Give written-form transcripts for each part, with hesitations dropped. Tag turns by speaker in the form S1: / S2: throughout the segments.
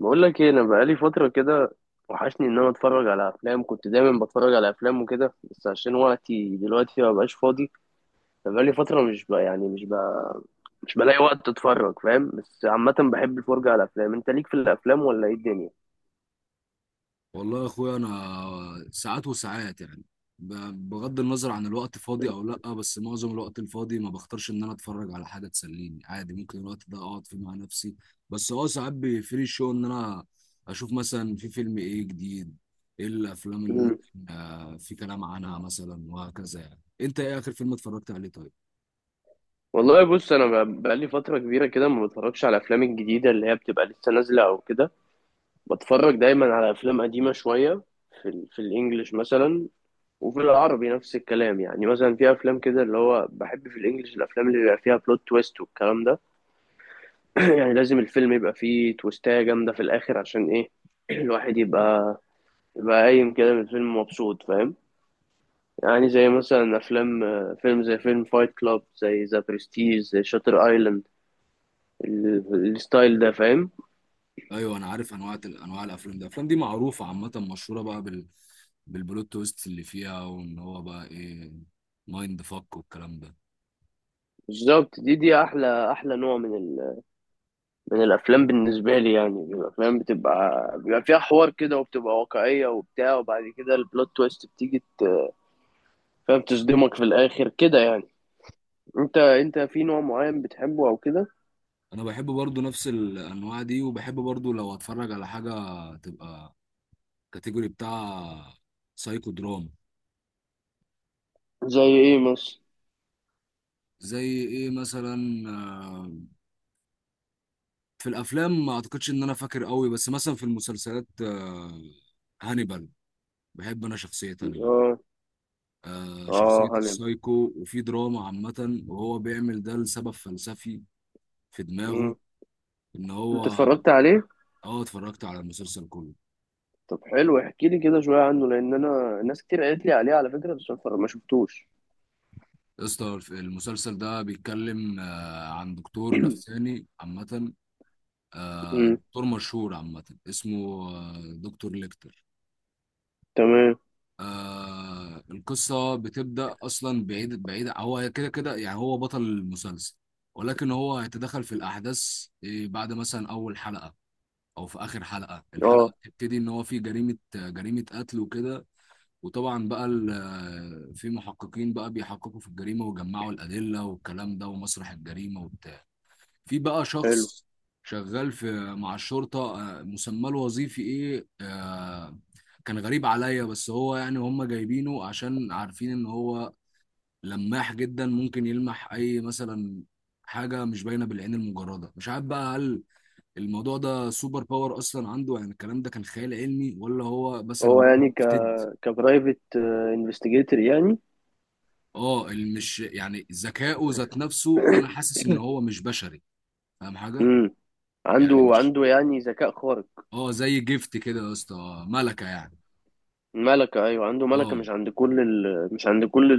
S1: بقول لك ايه، انا بقالي فتره كده وحشني ان انا اتفرج على افلام. كنت دايما بتفرج على افلام وكده، بس عشان وقتي دلوقتي ما بقاش فاضي. فبقالي فتره مش بقى مش بلاقي وقت اتفرج، فاهم؟ بس عامه بحب الفرجه على افلام. انت ليك في الافلام ولا ايه الدنيا؟
S2: والله يا اخويا انا ساعات وساعات يعني بغض النظر عن الوقت فاضي او لا، بس معظم الوقت الفاضي ما بختارش ان انا اتفرج على حاجه تسليني. عادي، ممكن الوقت ده اقعد فيه مع نفسي، بس ساعات بيفري شو ان انا اشوف مثلا في فيلم ايه جديد، ايه الافلام اللي
S1: مم.
S2: ممكن في كلام عنها مثلا وهكذا. يعني انت، ايه اخر فيلم اتفرجت عليه؟ طيب،
S1: والله بص، انا بقالي فتره كبيره كده ما بتفرجش على الافلام الجديده اللي هي بتبقى لسه نازله او كده. بتفرج دايما على افلام قديمه شويه، في في الانجليش مثلا، وفي العربي نفس الكلام. يعني مثلا في افلام كده، اللي هو بحب في الانجليش الافلام اللي بيبقى فيها بلوت تويست والكلام ده. يعني لازم الفيلم يبقى فيه تويستاية جامدة في الاخر، عشان ايه؟ الواحد يبقى يبقى قايم كده من الفيلم مبسوط، فاهم؟ يعني زي مثلا افلام، فيلم زي فيلم فايت كلاب، زي ذا برستيج، زي شاتر ايلاند. الستايل ده، فاهم؟
S2: ايوه انا عارف انواع الافلام دي. الافلام دي معروفه عامه، مشهوره بقى بالبلوت تويست اللي فيها، وان هو بقى ايه، مايند فك والكلام ده.
S1: بالظبط، دي احلى نوع من الافلام بالنسبه لي. يعني من الافلام بيبقى فيها حوار كده، وبتبقى واقعيه وبتاع، وبعد كده البلوت تويست بتيجي فاهم، تصدمك في الاخر كده يعني. انت في نوع معين بتحبه او كده؟
S2: انا بحب برضو نفس الانواع دي، وبحب برضو لو اتفرج على حاجه تبقى كاتيجوري بتاع سايكو دراما.
S1: زي ايه مثلا؟
S2: زي ايه مثلا؟ آه، في الافلام ما اعتقدش ان انا فاكر قوي، بس مثلا في المسلسلات، هانيبال. بحب انا شخصيه هانيبال.
S1: اه
S2: آه، شخصية
S1: اه، هانيبال.
S2: السايكو وفي دراما عامة، وهو بيعمل ده لسبب فلسفي في دماغه،
S1: مم.
S2: إن
S1: انت
S2: هو.
S1: اتفرجت عليه؟
S2: أه، اتفرجت على المسلسل كله.
S1: طب حلو، احكي لي كده شويه عنه، لان انا ناس كتير قالت لي عليه على فكره، بس أنا ما شفتوش.
S2: يا اسطى المسلسل ده بيتكلم عن دكتور نفساني عامة، آه
S1: مم.
S2: دكتور مشهور عامة اسمه دكتور ليكتر.
S1: تمام.
S2: آه، القصة بتبدأ أصلا، بعيد هو كده كده يعني، هو بطل المسلسل، ولكن هو هيتدخل في الأحداث بعد مثلا أول حلقة او في اخر حلقه. الحلقه
S1: اه.
S2: بتبتدي ان هو في جريمه، جريمه قتل وكده، وطبعا بقى في محققين بقى بيحققوا في الجريمه، ويجمعوا الادله والكلام ده، ومسرح الجريمه وبتاع. في بقى
S1: حلو.
S2: شخص شغال مع الشرطه، مسمى له وظيفي ايه، كان غريب عليا، بس هو يعني هم جايبينه عشان عارفين ان هو لماح جدا، ممكن يلمح اي مثلا حاجه مش باينه بالعين المجرده. مش عارف بقى، هل الموضوع ده سوبر باور اصلا عنده يعني، الكلام ده كان خيال علمي، ولا هو
S1: هو
S2: مثلا
S1: يعني
S2: تد
S1: كبرايفت انفستيجيتور يعني؟
S2: اه مش يعني ذكائه ذات نفسه، انا حاسس ان هو مش بشري، فاهم حاجه؟ يعني
S1: عنده
S2: مش،
S1: عنده يعني ذكاء خارق.
S2: اه زي جيفت كده يا اسطى، ملكه يعني.
S1: ملكة، أيوة، عنده ملكة
S2: اه
S1: مش عند كل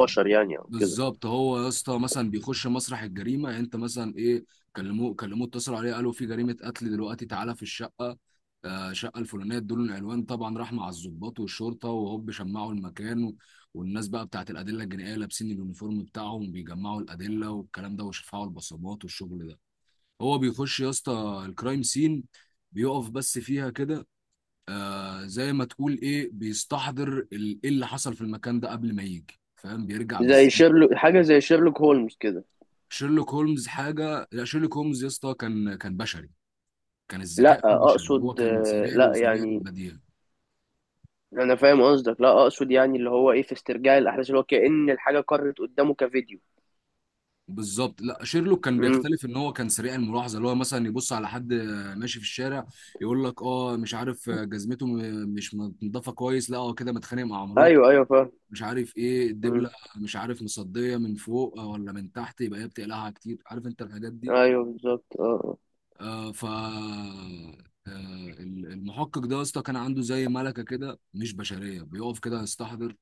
S1: البشر يعني أو كده.
S2: بالظبط، هو يا اسطى مثلا بيخش مسرح الجريمه. يعني انت مثلا ايه، كلموه اتصلوا عليه قالوا في جريمه قتل دلوقتي، تعالى في الشقه، آه شقه الفلانيه، ادوا له العنوان. طبعا راح مع الضباط والشرطه، وهوب شمعوا المكان و... والناس بقى بتاعت الادله الجنائيه لابسين اليونيفورم بتاعهم، بيجمعوا الادله والكلام ده، وشفعوا البصمات والشغل ده. هو بيخش يا اسطى الكرايم سين، بيقف بس فيها كده، آه زي ما تقول ايه، بيستحضر ايه اللي حصل في المكان ده قبل ما يجي، فاهم؟ بيرجع
S1: زي شيرلوك حاجة، زي شيرلوك هولمز كده.
S2: شيرلوك هولمز حاجه. لا، شيرلوك هولمز يا اسطى كان بشري، كان
S1: لا
S2: الذكاء فيه بشري. هو
S1: أقصد،
S2: كان سريع
S1: لا
S2: سريع
S1: يعني،
S2: البديهه.
S1: أنا فاهم قصدك. لا أقصد يعني اللي هو إيه، في استرجاع الأحداث، اللي هو كأن الحاجة قرت قدامه كفيديو.
S2: بالظبط، لا شيرلوك كان
S1: مم.
S2: بيختلف ان هو كان سريع الملاحظه، اللي هو مثلا يبص على حد ماشي في الشارع يقول لك اه مش عارف جزمته مش متنضفه كويس، لا هو كده متخانق مع مراته،
S1: أيوة أيوة، فاهم.
S2: مش عارف ايه
S1: مم.
S2: الدبله، مش عارف مصديه من فوق ولا من تحت، يبقى هي بتقلعها كتير، عارف انت الحاجات دي.
S1: أيوة بالظبط، أه أه.
S2: آه ف آه، المحقق ده يا اسطى كان عنده زي ملكه كده مش بشريه، بيقف كده يستحضر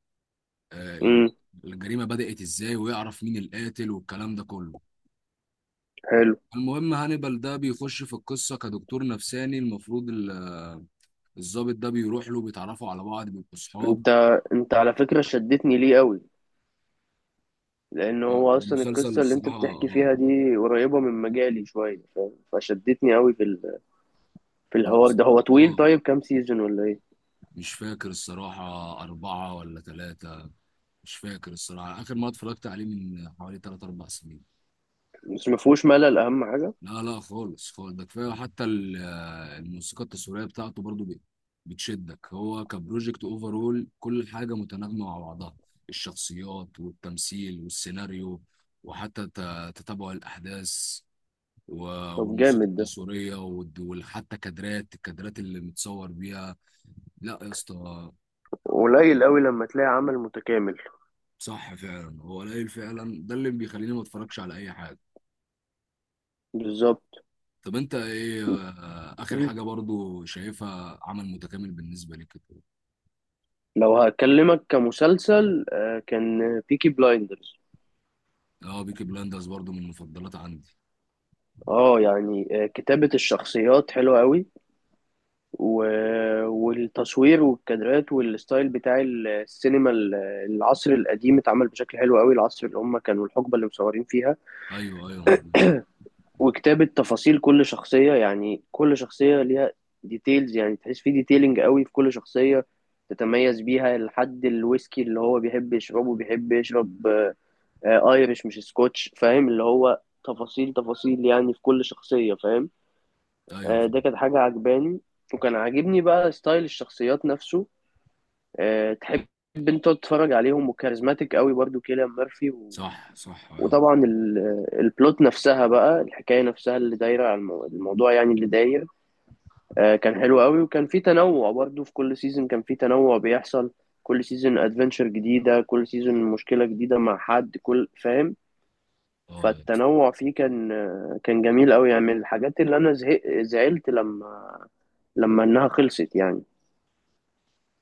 S2: آه،
S1: مم.
S2: الجريمه بدات ازاي، ويعرف مين القاتل والكلام ده كله.
S1: حلو.
S2: المهم هانيبال ده بيخش في القصه كدكتور نفساني. المفروض الضابط ده بيروح له، بيتعرفوا على بعض، بيبقوا صحاب.
S1: أنت أنت على فكرة شدتني ليه أوي؟ لأنه هو أصلا
S2: المسلسل
S1: القصة اللي أنت
S2: الصراحه،
S1: بتحكي
S2: اه
S1: فيها دي قريبة من مجالي شوية، فاهم؟ فشدتني أوي في في الحوار
S2: المس-
S1: ده. هو طويل
S2: اه
S1: طيب؟ كام سيزون ولا إيه؟
S2: مش فاكر الصراحه، اربعه ولا ثلاثه، مش فاكر الصراحه. اخر ما اتفرجت عليه من حوالي ثلاث اربع سنين.
S1: بس ما فيهوش ملل أهم حاجة؟
S2: لا لا خالص خالص، ده كفايه. حتى الموسيقى التصويريه بتاعته برضو بتشدك. هو كبروجكت اوفرول كل حاجه متناغمه مع بعضها، الشخصيات والتمثيل والسيناريو، وحتى تتابع الاحداث،
S1: طب
S2: والموسيقى
S1: جامد ده.
S2: التصويريه، وحتى الكادرات اللي متصور بيها. لا يا اسطى،
S1: قليل أوي لما تلاقي عمل متكامل.
S2: صح فعلا هو قليل فعلا، ده اللي بيخليني ما اتفرجش على اي حاجه.
S1: بالظبط.
S2: طب انت ايه اخر
S1: مم.
S2: حاجه برضو شايفها عمل متكامل بالنسبه لك؟
S1: لو هكلمك كمسلسل، كان بيكي بلايندرز.
S2: اه بيكي بلاندرز برضو من المفضلات عندي.
S1: اه كتابة الشخصيات حلوة أوي، و... والتصوير والكادرات والستايل بتاع السينما، العصر القديم اتعمل بشكل حلو قوي، العصر اللي هم كانوا، الحقبة اللي مصورين فيها.
S2: ايوه ايوه مظبوط.
S1: وكتابة تفاصيل كل شخصية، يعني كل شخصية ليها ديتيلز، يعني تحس في ديتيلينج قوي في كل شخصية تتميز بيها. لحد الويسكي اللي هو بيحب يشربه، بيحب يشرب ايرش مش سكوتش، فاهم؟ اللي هو تفاصيل تفاصيل يعني في كل شخصية، فاهم؟
S2: ايوه
S1: ده
S2: فعلا.
S1: كانت حاجة عجباني. وكان عاجبني بقى ستايل الشخصيات نفسه. تحب انت تتفرج عليهم، وكاريزماتيك قوي برضو كيليان ميرفي
S2: صح صح ايوه
S1: وطبعا
S2: مظبوط.
S1: البلوت نفسها بقى، الحكايه نفسها اللي دايره على الموضوع يعني اللي داير. كان حلو قوي، وكان في تنوع برضو، في كل سيزون كان في تنوع بيحصل. كل سيزون ادفنتشر جديده، كل سيزون مشكله جديده مع حد، كل فاهم.
S2: اه
S1: فالتنوع فيه كان كان جميل قوي، يعني من الحاجات اللي انا زعلت لما انها خلصت يعني.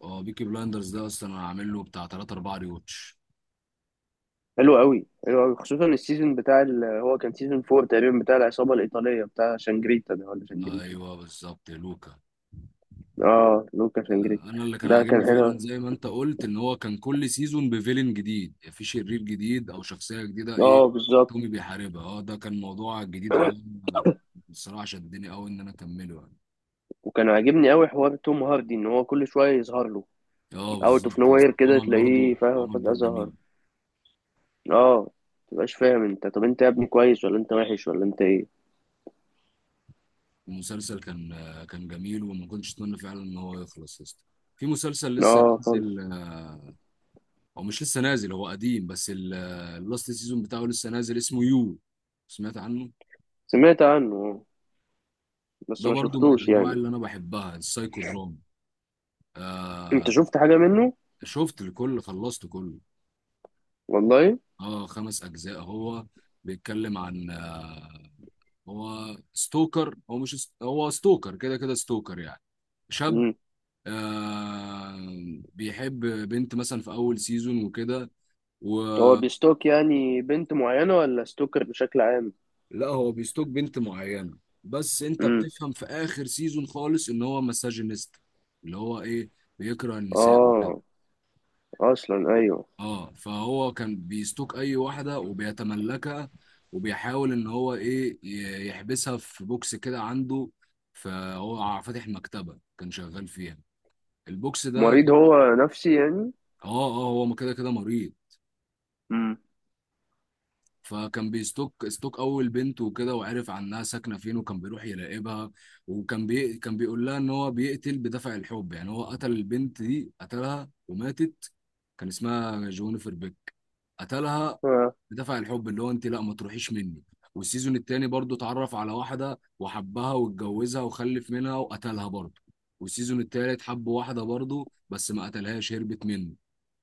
S2: اه بيكي بلاندرز ده اصلا انا عامل له بتاع 3 4 ريوتش.
S1: حلو قوي، حلو قوي، خصوصا السيزون بتاع هو كان سيزون فور تقريبا، بتاع العصابه الايطاليه، بتاع شانجريتا ده ولا شانجريتو.
S2: ايوه بالظبط يا لوكا.
S1: اه، لوكا شانجريتا.
S2: انا اللي كان
S1: ده
S2: عاجبني
S1: كان
S2: فعلا
S1: حلو.
S2: زي ما انت قلت ان هو كان كل سيزون بفيلن جديد، يعني في شرير جديد او شخصيه جديده ايه،
S1: اه بالظبط.
S2: تومي بيحاربها. اه ده كان موضوع جديد، على بصراحه شدني قوي ان انا اكمله يعني.
S1: وكان عاجبني قوي حوار توم هاردي، ان هو كل شويه يظهر له
S2: اه
S1: اوت اوف
S2: بالظبط
S1: نو
S2: يا
S1: وير
S2: اسطى.
S1: كده،
S2: عمل
S1: تلاقيه
S2: برضو
S1: فاهم
S2: عمل
S1: فجاه
S2: دور
S1: ظهر.
S2: جميل.
S1: اه. متبقاش فاهم انت، طب انت يا ابني كويس ولا انت وحش ولا انت ايه؟
S2: المسلسل كان كان جميل وما كنتش اتمنى فعلا ان هو يخلص يا اسطى. في مسلسل لسه
S1: اه خالص.
S2: نازل، او مش لسه نازل، هو قديم بس اللاست سيزون بتاعه لسه نازل، اسمه يو. سمعت عنه؟
S1: سمعت عنه، بس
S2: ده
S1: ما
S2: برضو من
S1: شفتوش
S2: الانواع
S1: يعني.
S2: اللي انا بحبها، السايكو دراما.
S1: انت
S2: آه،
S1: شفت حاجه منه؟
S2: شفت الكل، خلصت كله.
S1: والله.
S2: اه خمس اجزاء هو. بيتكلم عن هو ستوكر، هو مش ست- هو ستوكر كده كده، ستوكر يعني، شاب،
S1: امم.
S2: آه، بيحب بنت مثلا في اول سيزون وكده، و...
S1: هو بيستوك يعني بنت معينه، ولا ستوكر بشكل عام؟
S2: لا هو بيستوك بنت معينه، بس انت
S1: امم.
S2: بتفهم في اخر سيزون خالص ان هو مساجينيست، اللي هو ايه، بيكره النساء وكده.
S1: اه، اصلا ايوه.
S2: اه، فهو كان بيستوك اي واحده وبيتملكها، وبيحاول ان هو ايه، يحبسها في بوكس كده عنده. فهو فاتح مكتبه كان شغال فيها، البوكس ده
S1: مريض
S2: كان،
S1: هو نفسي يعني؟
S2: اه هو كده كده مريض.
S1: امم.
S2: فكان بيستوك، استوك اول بنت وكده، وعرف عنها ساكنه فين وكان بيروح يراقبها، وكان كان بيقول لها ان هو بيقتل بدافع الحب، يعني هو قتل البنت دي، قتلها وماتت، كان اسمها جونيفر بيك، قتلها
S1: آه.
S2: بدافع الحب، اللي هو انت لا ما تروحيش مني. والسيزون التاني برضه اتعرف على واحده وحبها واتجوزها وخلف منها وقتلها برضه. والسيزون التالت حب واحده برضه بس ما قتلهاش، هربت منه،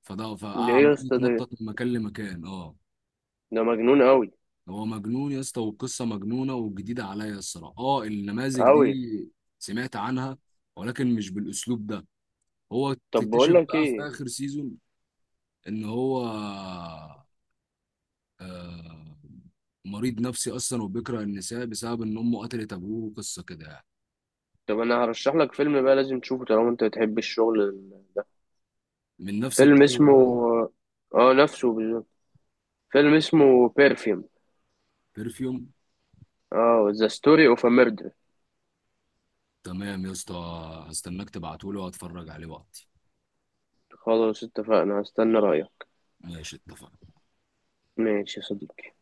S2: فده فقعد
S1: ده ايه
S2: عمال
S1: يا اسطى ده؟
S2: يتنطط من مكان لمكان. اه
S1: ده مجنون قوي،
S2: هو مجنون يا اسطى، والقصه مجنونه وجديده عليا الصراحه. اه النماذج
S1: قوي.
S2: دي سمعت عنها، ولكن مش بالاسلوب ده. هو
S1: طب بقول
S2: تكتشف
S1: لك
S2: بقى في
S1: ايه
S2: اخر سيزون ان هو آه مريض نفسي اصلا، وبيكره النساء بسبب ان امه قتلت ابوه، قصه كده يعني.
S1: طب انا هرشح لك فيلم بقى، لازم تشوفه طالما انت بتحب الشغل ده.
S2: من نفس
S1: فيلم
S2: الطيب ده.
S1: اسمه، اه نفسه بالظبط، فيلم اسمه بيرفيوم.
S2: بيرفيوم.
S1: اه، ذا ستوري اوف ا ميردر.
S2: تمام يا اسطى، هستناك تبعتولي وهتفرج عليه وقتي.
S1: خلاص اتفقنا، هستنى رايك.
S2: ماشي اتفقنا.
S1: ماشي يا صديقي.